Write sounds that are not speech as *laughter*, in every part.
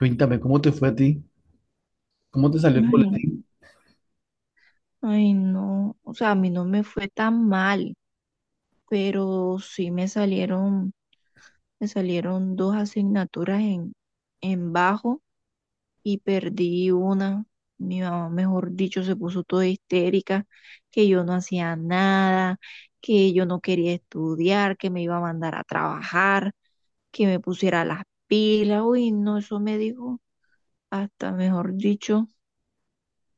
Cuéntame, ¿cómo te fue a ti? ¿Cómo te salió el Ay, boletín? ay, no, o sea, a mí no me fue tan mal, pero sí me salieron dos asignaturas en bajo y perdí una. Mi mamá, mejor dicho, se puso toda histérica, que yo no hacía nada, que yo no quería estudiar, que me iba a mandar a trabajar, que me pusiera las pilas. Uy, no, eso me dijo hasta, mejor dicho,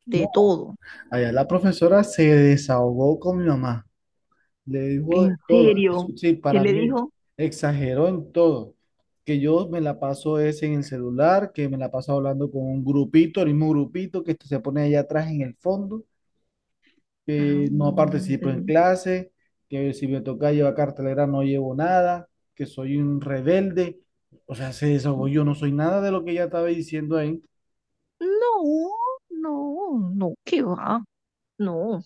de No, todo. allá la profesora se desahogó con mi mamá. Le dijo de ¿En todo. serio? Eso sí, ¿Qué para le mí dijo? exageró en todo. Que yo me la paso es en el celular, que me la paso hablando con un grupito, el mismo grupito que se pone allá atrás en el fondo, que no participo Ándale. en clase, que si me toca llevar cartelera no llevo nada, que soy un rebelde. O sea, se desahogó. Yo no soy nada de lo que ella estaba diciendo ahí. No, no, no, qué va, no.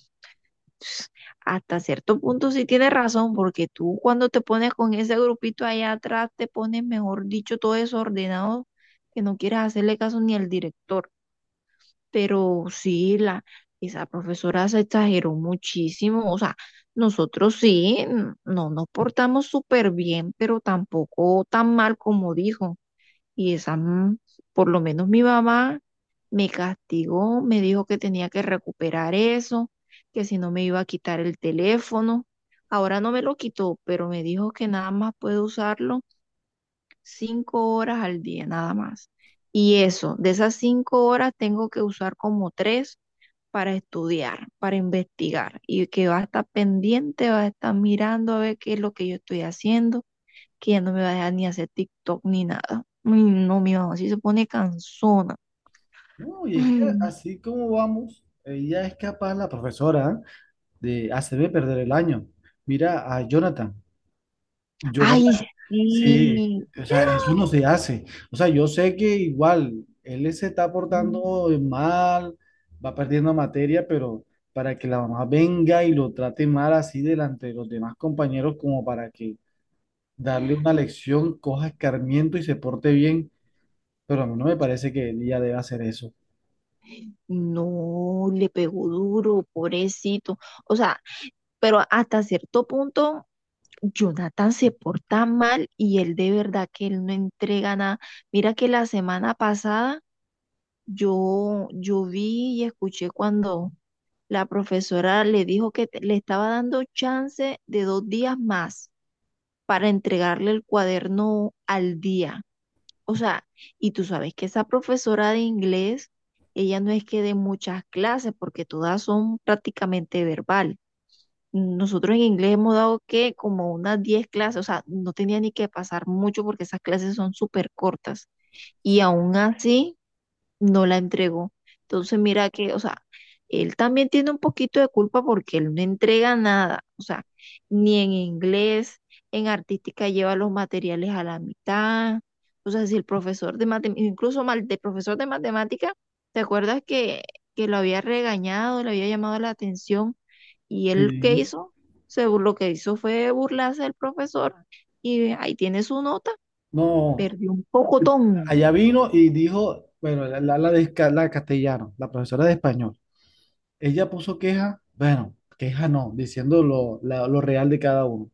Hasta cierto punto sí tienes razón, porque tú cuando te pones con ese grupito allá atrás, te pones, mejor dicho, todo desordenado, que no quieres hacerle caso ni al director. Pero sí, esa profesora se exageró muchísimo. O sea, nosotros sí, no nos portamos súper bien, pero tampoco tan mal como dijo. Y esa, por lo menos mi mamá me castigó, me dijo que tenía que recuperar eso, que si no me iba a quitar el teléfono. Ahora no me lo quitó, pero me dijo que nada más puedo usarlo 5 horas al día, nada más. Y eso, de esas 5 horas tengo que usar como tres para estudiar, para investigar, y que va a estar pendiente, va a estar mirando a ver qué es lo que yo estoy haciendo, que ya no me va a dejar ni hacer TikTok ni nada. Uy, no, mi mamá sí se pone cansona. No, y es que *laughs* así como vamos, ella es capaz, la profesora, de hacerme perder el año. Mira a Jonathan. Ay, sí. Jonathan, sí, o sea, eso no se hace. O sea, yo sé que igual él se está Mm. portando mal, va perdiendo materia, pero para que la mamá venga y lo trate mal así delante de los demás compañeros, como para que darle una lección, coja escarmiento y se porte bien, pero a mí no me parece que ella deba hacer eso. No, le pegó duro, pobrecito. O sea, pero hasta cierto punto, Jonathan se porta mal y él de verdad que él no entrega nada. Mira que la semana pasada yo vi y escuché cuando la profesora le dijo que le estaba dando chance de 2 días más para entregarle el cuaderno al día. O sea, y tú sabes que esa profesora de inglés, ella no es que dé muchas clases porque todas son prácticamente verbal. Nosotros en inglés hemos dado que como unas 10 clases, o sea, no tenía ni que pasar mucho porque esas clases son súper cortas. Y aún así, no la entregó. Entonces, mira que, o sea, él también tiene un poquito de culpa porque él no entrega nada, o sea, ni en inglés, en artística lleva los materiales a la mitad. O sea, si el profesor de matemáticas, incluso mal, de profesor de matemática, ¿te acuerdas que lo había regañado, le había llamado la atención? Y él, ¿qué Sí. hizo? Lo que hizo fue burlarse del profesor y ahí tiene su nota, No, perdió un pocotón. allá vino y dijo, bueno, la castellano, la profesora de español, ella puso queja, bueno, queja no, diciendo lo real de cada uno.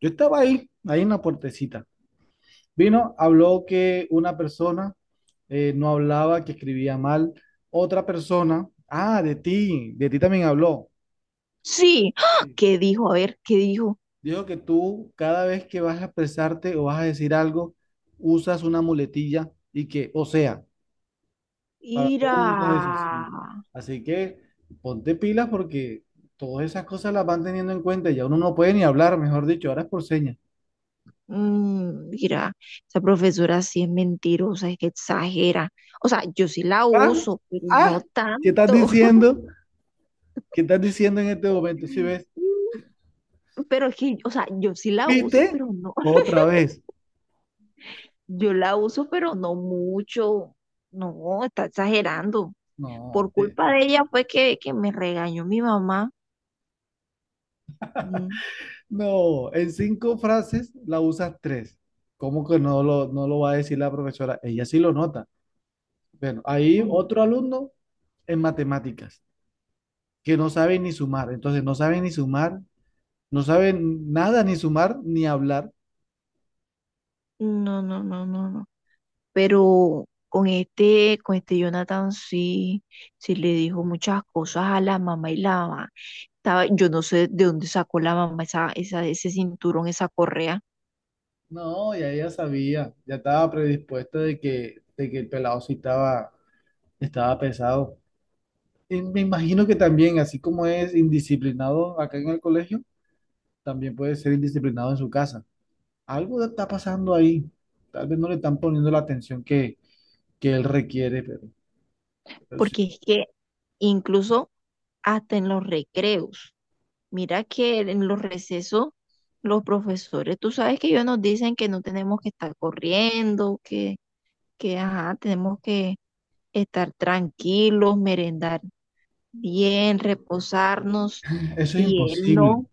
Yo estaba ahí en la puertecita. Vino, habló que una persona no hablaba, que escribía mal. Otra persona, de ti también habló. Sí, ¡ah! Sí. ¿Qué dijo? A ver, ¿qué dijo? Dijo que tú cada vez que vas a expresarte o vas a decir algo, usas una muletilla y que, o sea, para todo Mira, usa eso, sí. Así que ponte pilas porque todas esas cosas las van teniendo en cuenta. Ya uno no puede ni hablar, mejor dicho, ahora es por señas. Mira, esa profesora sí es mentirosa, es que exagera. O sea, yo sí la Ah, uso, pero no ah, ¿Qué estás tanto. diciendo? ¿Qué estás diciendo en este momento? Si *laughs* ves, Mm. Pero es que, o sea, yo sí la uso, ¿viste? pero no. *laughs* Otra vez. Yo la uso, pero no mucho. No, está exagerando. Por No, culpa de ella fue que me regañó mi mamá. Mm, no, en cinco frases la usas tres. ¿Cómo que no lo va a decir la profesora? Ella sí lo nota. Bueno, hay mm, otro alumno en matemáticas que no sabe ni sumar. Entonces, no sabe ni sumar. No sabe nada, ni sumar, ni hablar. No, no, no, no, no, pero con este Jonathan sí, sí le dijo muchas cosas a la mamá y la mamá. Estaba, yo no sé de dónde sacó la mamá ese cinturón, esa correa, No, ya ella sabía, ya estaba predispuesta de que el pelado sí estaba, estaba pesado. Y me imagino que también, así como es indisciplinado acá en el colegio, también puede ser indisciplinado en su casa. Algo está pasando ahí. Tal vez no le están poniendo la atención que él requiere, pero sí, porque es que incluso hasta en los recreos, mira que en los recesos, los profesores, tú sabes que ellos nos dicen que no tenemos que estar corriendo, que ajá, tenemos que estar tranquilos, merendar bien, reposarnos eso es y él imposible. no,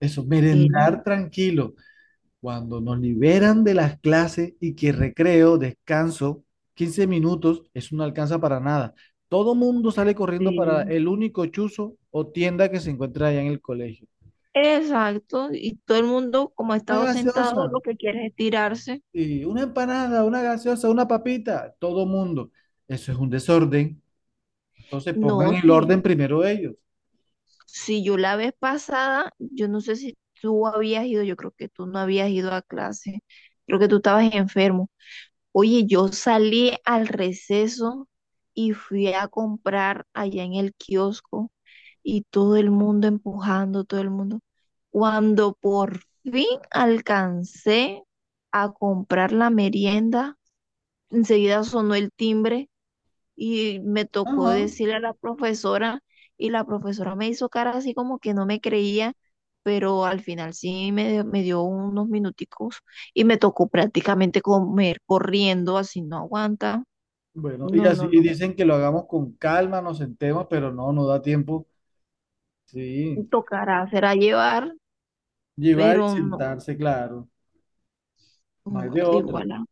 Eso, él, merendar tranquilo. Cuando nos liberan de las clases y que recreo, descanso, 15 minutos, eso no alcanza para nada. Todo mundo sale corriendo para sí. el único chuzo o tienda que se encuentra allá en el colegio. Exacto, y todo el mundo como ha Una estado sentado gaseosa, lo que quiere es tirarse. y una empanada, una gaseosa, una papita, todo mundo. Eso es un desorden. Entonces pongan No, el sí, orden primero ellos. si yo la vez pasada, yo no sé si tú habías ido, yo creo que tú no habías ido a clase, creo que tú estabas enfermo. Oye, yo salí al receso y fui a comprar allá en el kiosco y todo el mundo empujando, todo el mundo. Cuando por fin alcancé a comprar la merienda, enseguida sonó el timbre y me tocó Ajá. decirle a la profesora y la profesora me hizo cara así como que no me creía, pero al final sí me dio unos minuticos y me tocó prácticamente comer corriendo, así no aguanta. Bueno, y No, así no, y no. dicen que lo hagamos con calma, nos sentemos, pero no, no da tiempo. Sí, Tocará, será llevar, llevar pero y no, sentarse, claro, no hay no, de de otra. igual.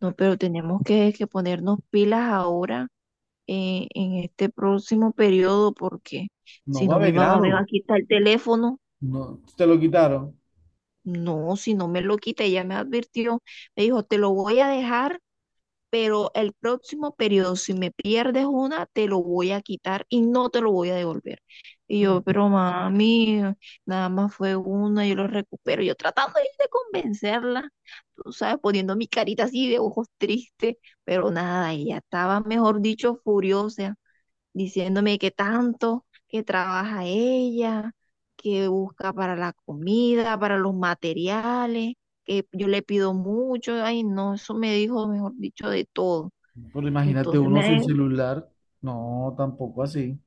No, pero tenemos que ponernos pilas ahora en este próximo periodo porque No si va a no haber mi mamá grado. me va a quitar el teléfono. No, te lo quitaron. No, si no me lo quita, ella me advirtió. Me dijo, te lo voy a dejar pero el próximo periodo, si me pierdes una, te lo voy a quitar y no te lo voy a devolver. Y yo, Mm. pero mami, nada más fue una, yo lo recupero. Yo tratando ahí de convencerla, tú sabes, poniendo mi carita así de ojos tristes, pero nada, ella estaba, mejor dicho, furiosa diciéndome que tanto, que trabaja ella, que busca para la comida, para los materiales, que yo le pido mucho, ay no, eso me dijo, mejor dicho, de todo. Pero imagínate Entonces uno sin me, celular. No, tampoco así.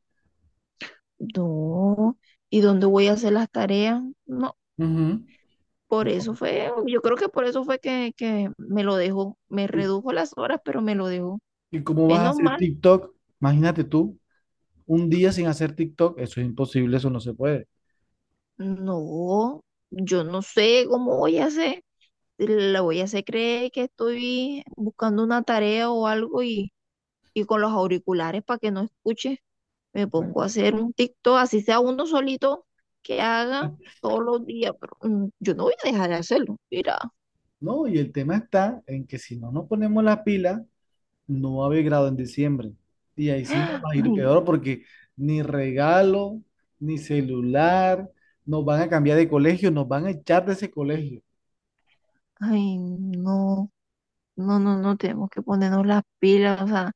no, ¿y dónde voy a hacer las tareas? No, Ujú. por eso fue, yo creo que por eso fue que me lo dejó, me ¿Y, redujo las horas, pero me lo dejó. y cómo vas a Menos hacer mal, TikTok? Imagínate tú, un día sin hacer TikTok. Eso es imposible, eso no se puede. no, yo no sé cómo voy a hacer. La huella se cree que estoy buscando una tarea o algo y con los auriculares para que no escuche, me Bueno, pongo a hacer un TikTok, así sea uno solito que haga todos los días, pero yo no voy a dejar de hacerlo, mira, no, y el tema está en que si no nos ponemos las pilas no va a haber grado en diciembre. Y ahí sí nos va a ir ay, peor porque ni regalo, ni celular, nos van a cambiar de colegio, nos van a echar de ese colegio. ay, no. No, no, no, tenemos que ponernos las pilas, o sea,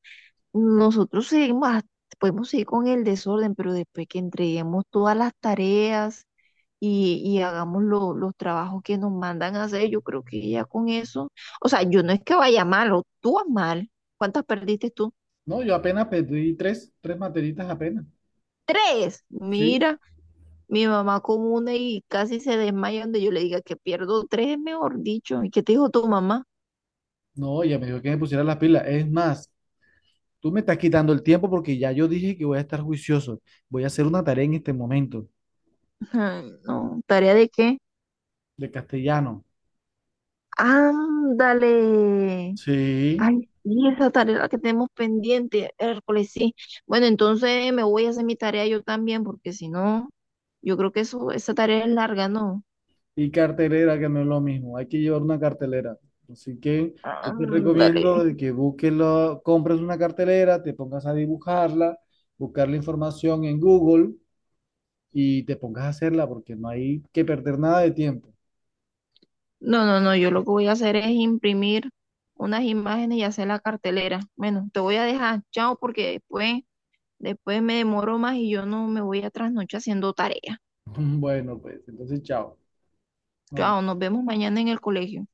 nosotros seguimos, podemos seguir con el desorden, pero después que entreguemos todas las tareas, y hagamos los trabajos que nos mandan a hacer. Yo creo que ya con eso, o sea, yo no es que vaya mal, o tú vas mal. ¿Cuántas perdiste tú? No, yo apenas pedí tres, tres materitas apenas. Tres. Sí. Mira, mi mamá con una y casi se desmaya donde yo le diga que pierdo tres, mejor dicho. ¿Y qué te dijo tu mamá? No, ella me dijo que me pusiera las pilas. Es más, tú me estás quitando el tiempo porque ya yo dije que voy a estar juicioso. Voy a hacer una tarea en este momento *laughs* Ay, no, ¿tarea de qué? de castellano. Ándale. Sí. Ay, sí, esa tarea es la que tenemos pendiente, Hércules, sí. Bueno, entonces me voy a hacer mi tarea yo también, porque si no, yo creo que eso, esa tarea es larga, ¿no? Y cartelera, que no es lo mismo. Hay que llevar una cartelera. Así que yo te Ándale. recomiendo de que busques, compres una cartelera, te pongas a dibujarla, buscar la información en Google y te pongas a hacerla porque no hay que perder nada de tiempo. No, no, no, yo lo que voy a hacer es imprimir unas imágenes y hacer la cartelera. Bueno, te voy a dejar, chao, porque después, después me demoro más y yo no me voy a trasnochar haciendo tarea. *laughs* Bueno, pues entonces, chao. No Chao, nos vemos mañana en el colegio.